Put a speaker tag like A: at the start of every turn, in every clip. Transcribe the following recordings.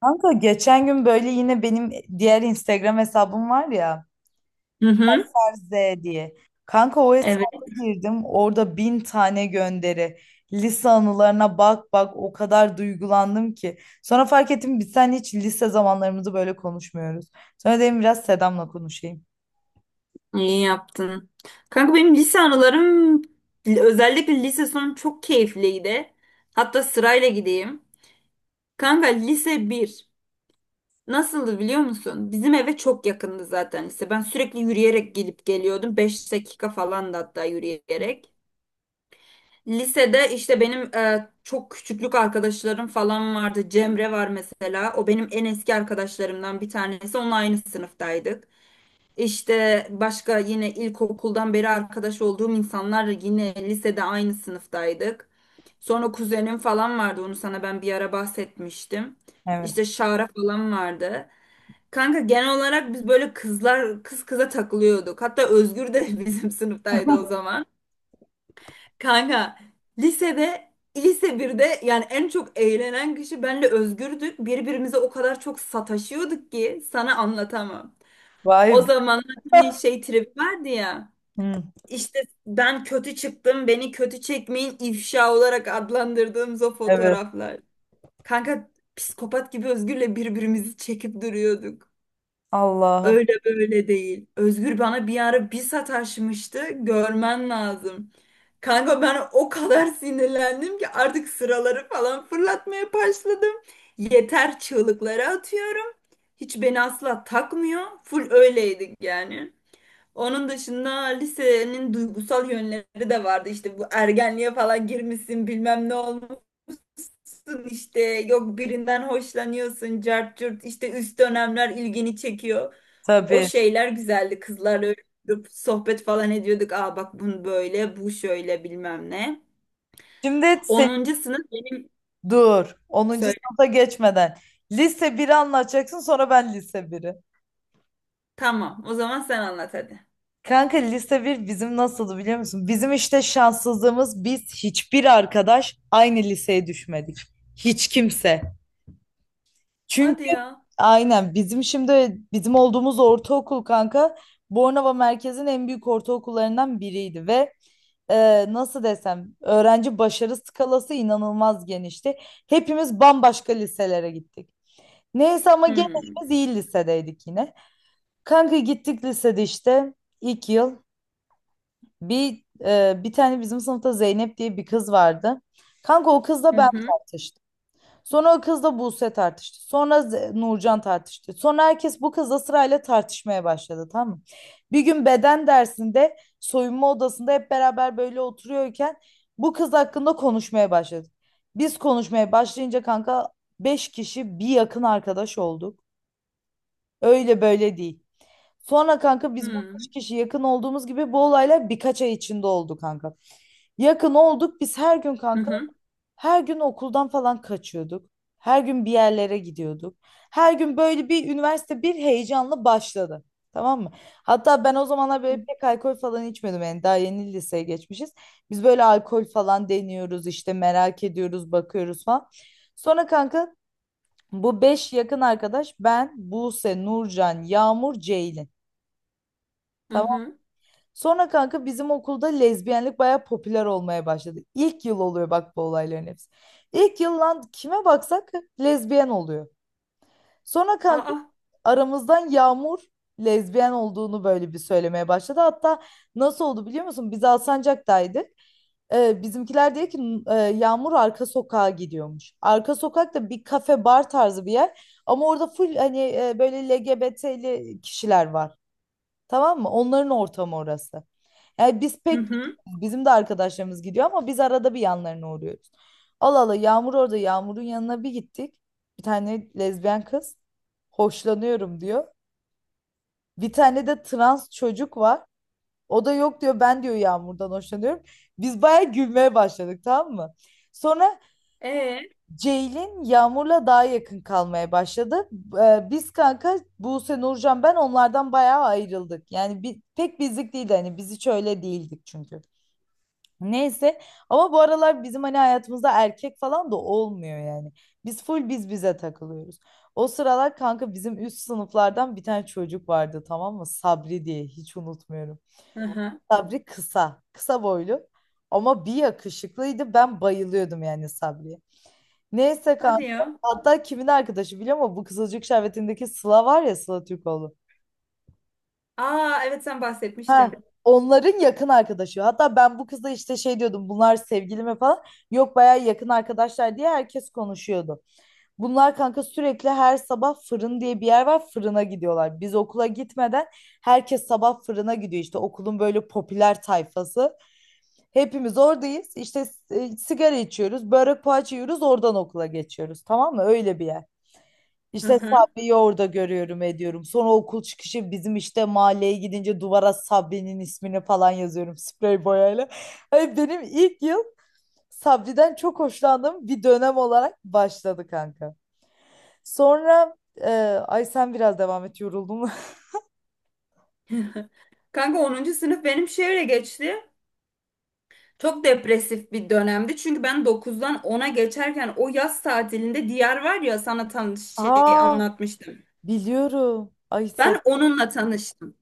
A: Kanka geçen gün böyle yine benim diğer Instagram hesabım var ya
B: Hı hı.
A: Z diye. Kanka o
B: Evet,
A: hesaba girdim orada bin tane gönderi. Lise anılarına bak bak o kadar duygulandım ki. Sonra fark ettim biz sen hiç lise zamanlarımızı böyle konuşmuyoruz. Sonra dedim biraz Sedam'la konuşayım.
B: iyi yaptın. Kanka benim lise anılarım özellikle lise sonu çok keyifliydi. Hatta sırayla gideyim. Kanka lise bir nasıldı biliyor musun? Bizim eve çok yakındı zaten lise. Ben sürekli yürüyerek gelip geliyordum. Beş dakika falan da hatta yürüyerek. Lisede işte benim çok küçüklük arkadaşlarım falan vardı. Cemre var mesela. O benim en eski arkadaşlarımdan bir tanesi. Onunla aynı sınıftaydık. İşte başka yine ilkokuldan beri arkadaş olduğum insanlar yine lisede aynı sınıftaydık. Sonra kuzenim falan vardı onu sana ben bir ara bahsetmiştim.
A: Evet.
B: İşte Şara falan vardı. Kanka genel olarak biz böyle kızlar kız kıza takılıyorduk. Hatta Özgür de bizim sınıftaydı o zaman. Kanka lisede lise birde yani en çok eğlenen kişi benle Özgür'dük. Birbirimize o kadar çok sataşıyorduk ki sana anlatamam.
A: Vay
B: O
A: be.
B: zaman hani şey trip vardı ya.
A: Hı,
B: İşte ben kötü çıktım, beni kötü çekmeyin ifşa olarak adlandırdığımız o
A: evet.
B: fotoğraflar. Kanka psikopat gibi Özgür'le birbirimizi çekip duruyorduk.
A: Allah'ım.
B: Öyle böyle değil. Özgür bana bir ara bir sataşmıştı. Görmen lazım. Kanka ben o kadar sinirlendim ki artık sıraları falan fırlatmaya başladım. Yeter çığlıkları atıyorum. Hiç beni asla takmıyor. Full öyleydik yani. Onun dışında lisenin duygusal yönleri de vardı. İşte bu ergenliğe falan girmişsin, bilmem ne olmuşsun işte yok birinden hoşlanıyorsun, cart curt işte üst dönemler ilgini çekiyor. O
A: Tabii.
B: şeyler güzeldi. Kızlarla öyle oturup sohbet falan ediyorduk. Aa bak bunu böyle, bu şöyle bilmem ne.
A: Şimdi sen
B: Onuncu sınıf.
A: dur. Onuncu
B: Söyle.
A: sınıfa geçmeden. Lise biri anlatacaksın sonra ben lise biri.
B: Tamam. O zaman sen anlat hadi.
A: Kanka lise bir bizim nasıldı biliyor musun? Bizim işte şanssızlığımız biz hiçbir arkadaş aynı liseye düşmedik. Hiç kimse. Çünkü
B: Hadi ya.
A: aynen bizim şimdi bizim olduğumuz ortaokul kanka Bornova merkezin en büyük ortaokullarından biriydi ve nasıl desem öğrenci başarı skalası inanılmaz genişti. Hepimiz bambaşka liselere gittik. Neyse ama
B: Hmm.
A: genelimiz iyi lisedeydik yine. Kanka gittik lisede işte ilk yıl. Bir tane bizim sınıfta Zeynep diye bir kız vardı. Kanka o kızla
B: Hı
A: ben
B: hı.
A: tartıştım. Sonra o kızla Buse tartıştı. Sonra Nurcan tartıştı. Sonra herkes bu kızla sırayla tartışmaya başladı tamam mı? Bir gün beden dersinde soyunma odasında hep beraber böyle oturuyorken bu kız hakkında konuşmaya başladık. Biz konuşmaya başlayınca kanka 5 kişi bir yakın arkadaş olduk. Öyle böyle değil. Sonra kanka biz bu 5
B: Hmm.
A: kişi yakın olduğumuz gibi bu olaylar birkaç ay içinde oldu kanka. Yakın olduk biz her gün
B: Hı
A: kanka.
B: hı.
A: Her gün okuldan falan kaçıyorduk. Her gün bir yerlere gidiyorduk. Her gün böyle bir üniversite bir heyecanla başladı. Tamam mı? Hatta ben o zamanlar
B: Hı hı.
A: böyle pek alkol falan içmiyordum. Yani daha yeni liseye geçmişiz. Biz böyle alkol falan deniyoruz işte merak ediyoruz bakıyoruz falan. Sonra kanka bu beş yakın arkadaş ben, Buse, Nurcan, Yağmur, Ceylin.
B: Hı
A: Tamam.
B: hı.
A: Sonra kanka bizim okulda lezbiyenlik bayağı popüler olmaya başladı. İlk yıl oluyor bak bu olayların hepsi. İlk yıl lan kime baksak lezbiyen oluyor. Sonra kanka
B: Aa.
A: aramızdan Yağmur lezbiyen olduğunu böyle bir söylemeye başladı. Hatta nasıl oldu biliyor musun? Biz Alsancak'taydık. Bizimkiler diyor ki Yağmur arka sokağa gidiyormuş. Arka sokak da bir kafe bar tarzı bir yer. Ama orada full hani böyle LGBT'li kişiler var. Tamam mı? Onların ortamı orası. Yani biz
B: Hı
A: pek
B: hı.
A: bizim de arkadaşlarımız gidiyor ama biz arada bir yanlarına uğruyoruz. Allah Allah Yağmur orada Yağmur'un yanına bir gittik. Bir tane lezbiyen kız hoşlanıyorum diyor. Bir tane de trans çocuk var. O da yok diyor ben diyor Yağmur'dan hoşlanıyorum. Biz bayağı gülmeye başladık tamam mı? Sonra
B: E. Hı.
A: Ceylin Yağmur'la daha yakın kalmaya başladı. Biz kanka Buse, Nurcan ben onlardan bayağı ayrıldık. Yani pek bizlik değildi hani biz hiç öyle değildik çünkü. Neyse ama bu aralar bizim hani hayatımızda erkek falan da olmuyor yani. Biz full biz bize takılıyoruz. O sıralar kanka bizim üst sınıflardan bir tane çocuk vardı tamam mı? Sabri diye hiç unutmuyorum.
B: Ee? Hı.
A: Sabri kısa, kısa boylu ama bir yakışıklıydı. Ben bayılıyordum yani Sabri'ye. Neyse
B: Hadi
A: kanka.
B: ya.
A: Hatta kimin arkadaşı biliyor musun? Bu Kızılcık Şerbeti'ndeki Sıla var ya Sıla Türkoğlu.
B: Aa evet sen
A: Ha,
B: bahsetmiştin.
A: onların yakın arkadaşı. Hatta ben bu kızla işte şey diyordum. Bunlar sevgili mi falan. Yok bayağı yakın arkadaşlar diye herkes konuşuyordu. Bunlar kanka sürekli her sabah fırın diye bir yer var. Fırına gidiyorlar. Biz okula gitmeden herkes sabah fırına gidiyor. İşte. Okulun böyle popüler tayfası. Hepimiz oradayız. İşte sigara içiyoruz. Börek poğaça yiyoruz. Oradan okula geçiyoruz. Tamam mı? Öyle bir yer.
B: Hı
A: İşte
B: hı.
A: Sabri'yi orada görüyorum ediyorum. Sonra okul çıkışı bizim işte mahalleye gidince duvara Sabri'nin ismini falan yazıyorum sprey boyayla. Hani benim ilk yıl Sabri'den çok hoşlandığım bir dönem olarak başladı kanka. Sonra e, ay sen biraz devam et yoruldum.
B: Kanka 10. sınıf benim şöyle geçti. Çok depresif bir dönemdi. Çünkü ben dokuzdan ona geçerken o yaz tatilinde Diyar var ya sana tanış şey
A: Aa
B: anlatmıştım.
A: biliyorum. Ay sen
B: Ben onunla tanıştım.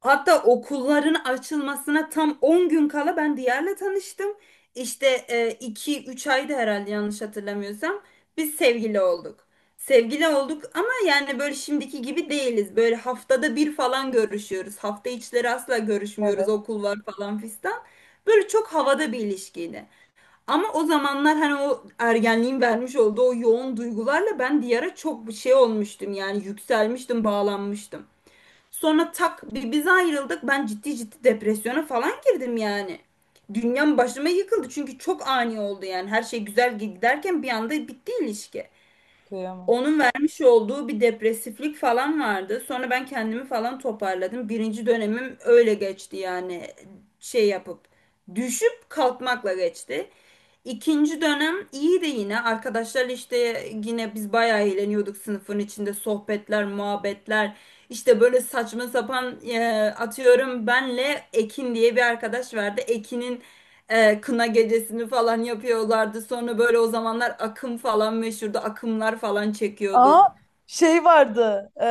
B: Hatta okulların açılmasına tam 10 gün kala ben Diyar'la tanıştım. İşte 2-3 ayda herhalde yanlış hatırlamıyorsam biz sevgili olduk. Sevgili olduk ama yani böyle şimdiki gibi değiliz. Böyle haftada bir falan görüşüyoruz. Hafta içleri asla görüşmüyoruz.
A: evet
B: Okul var falan fistan. Böyle çok havada bir ilişkiydi. Ama o zamanlar hani o ergenliğin vermiş olduğu o yoğun duygularla ben Diyar'a çok bir şey olmuştum. Yani yükselmiştim, bağlanmıştım. Sonra tak biz ayrıldık. Ben ciddi ciddi depresyona falan girdim yani. Dünyam başıma yıkıldı çünkü çok ani oldu yani. Her şey güzel giderken bir anda bitti ilişki.
A: kıyamam.
B: Onun vermiş olduğu bir depresiflik falan vardı. Sonra ben kendimi falan toparladım. Birinci dönemim öyle geçti yani şey yapıp düşüp kalkmakla geçti. İkinci dönem iyi de yine arkadaşlar işte yine biz bayağı eğleniyorduk sınıfın içinde sohbetler, muhabbetler. İşte böyle saçma sapan atıyorum benle Ekin diye bir arkadaş vardı. Ekin'in kına gecesini falan yapıyorlardı. Sonra böyle o zamanlar akım falan meşhurdu. Akımlar falan
A: Aa
B: çekiyorduk.
A: şey vardı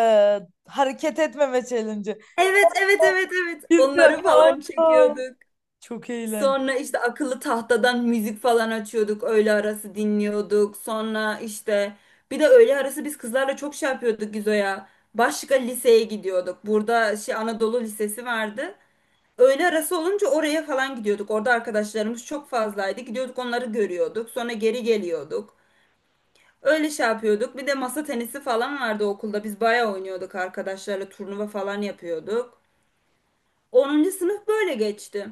A: hareket etmeme challenge'ı.
B: Evet, evet, evet, evet.
A: Biz de
B: Onları falan
A: kanka.
B: çekiyorduk.
A: Çok eğlenceli.
B: Sonra işte akıllı tahtadan müzik falan açıyorduk. Öğle arası dinliyorduk. Sonra işte bir de öğle arası biz kızlarla çok şey yapıyorduk Gizo'ya. Başka liseye gidiyorduk. Burada şey Anadolu Lisesi vardı. Öğle arası olunca oraya falan gidiyorduk. Orada arkadaşlarımız çok fazlaydı. Gidiyorduk onları görüyorduk. Sonra geri geliyorduk. Öyle şey yapıyorduk. Bir de masa tenisi falan vardı okulda. Biz bayağı oynuyorduk arkadaşlarla turnuva falan yapıyorduk. Onuncu sınıf böyle geçti.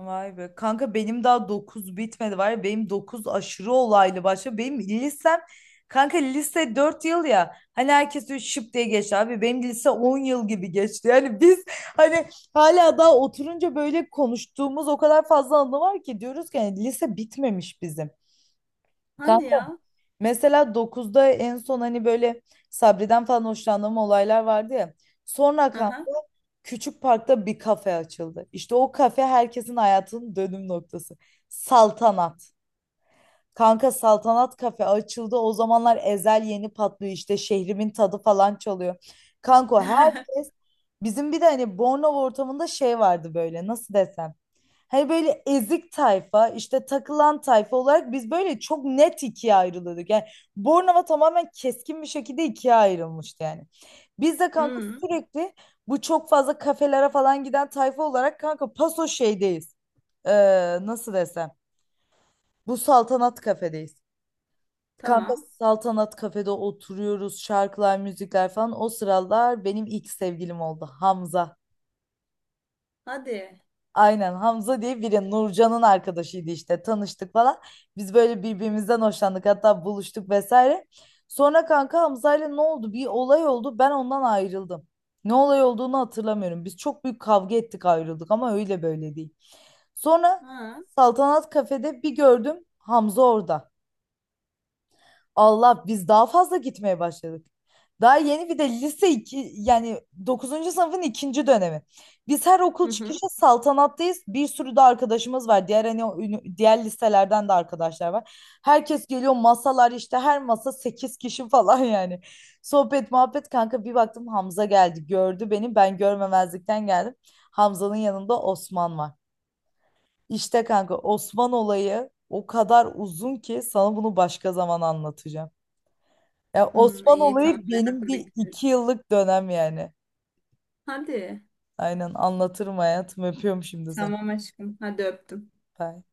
A: Vay be. Kanka benim daha 9 bitmedi var ya benim 9 aşırı olaylı başlıyor. Benim lisem kanka lise 4 yıl ya hani herkes diyor şıp diye geçti abi benim lise 10 yıl gibi geçti. Yani biz hani hala daha oturunca böyle konuştuğumuz o kadar fazla anı var ki diyoruz ki hani lise bitmemiş bizim.
B: Hadi
A: Kanka
B: ya.
A: mesela dokuzda en son hani böyle Sabri'den falan hoşlandığım olaylar vardı ya. Sonra
B: Hı hı.
A: kanka küçük parkta bir kafe açıldı. İşte o kafe herkesin hayatının dönüm noktası. Saltanat. Kanka Saltanat kafe açıldı. O zamanlar Ezel yeni patlıyor işte şehrimin tadı falan çalıyor. Kanka herkes bizim bir de hani Bornova ortamında şey vardı böyle nasıl desem. Hani böyle ezik tayfa, işte takılan tayfa olarak biz böyle çok net ikiye ayrılıyorduk. Yani Bornova tamamen keskin bir şekilde ikiye ayrılmıştı yani. Biz de kanka
B: Hmm,
A: sürekli bu çok fazla kafelere falan giden tayfa olarak kanka paso şeydeyiz. Ee, Nasıl desem? Bu saltanat kafedeyiz. Kanka
B: tamam.
A: saltanat kafede oturuyoruz, şarkılar, müzikler falan. O sıralar benim ilk sevgilim oldu Hamza.
B: Hadi.
A: Aynen Hamza diye biri Nurcan'ın arkadaşıydı işte tanıştık falan. Biz böyle birbirimizden hoşlandık hatta buluştuk vesaire. Sonra kanka Hamza'yla ne oldu? Bir olay oldu ben ondan ayrıldım. Ne olay olduğunu hatırlamıyorum. Biz çok büyük kavga ettik ayrıldık ama öyle böyle değil. Sonra
B: Ha.
A: Saltanat Kafe'de bir gördüm Hamza orada. Allah biz daha fazla gitmeye başladık. Daha yeni bir de lise 2, yani dokuzuncu sınıfın ikinci dönemi. Biz her okul
B: Hı hı.
A: çıkışı saltanattayız. Bir sürü de arkadaşımız var. Diğer hani o diğer liselerden de arkadaşlar var. Herkes geliyor masalar işte her masa 8 kişi falan yani. Sohbet muhabbet kanka bir baktım Hamza geldi gördü beni ben görmemezlikten geldim. Hamza'nın yanında Osman var. İşte kanka Osman olayı o kadar uzun ki sana bunu başka zaman anlatacağım. Ya
B: Hmm,
A: Osman
B: iyi tamam
A: olayı benim
B: merakla
A: bir
B: bekliyorum.
A: iki yıllık dönem yani.
B: Hadi.
A: Aynen anlatırım hayatım. Öpüyorum şimdi seni.
B: Tamam aşkım. Hadi öptüm.
A: Bye.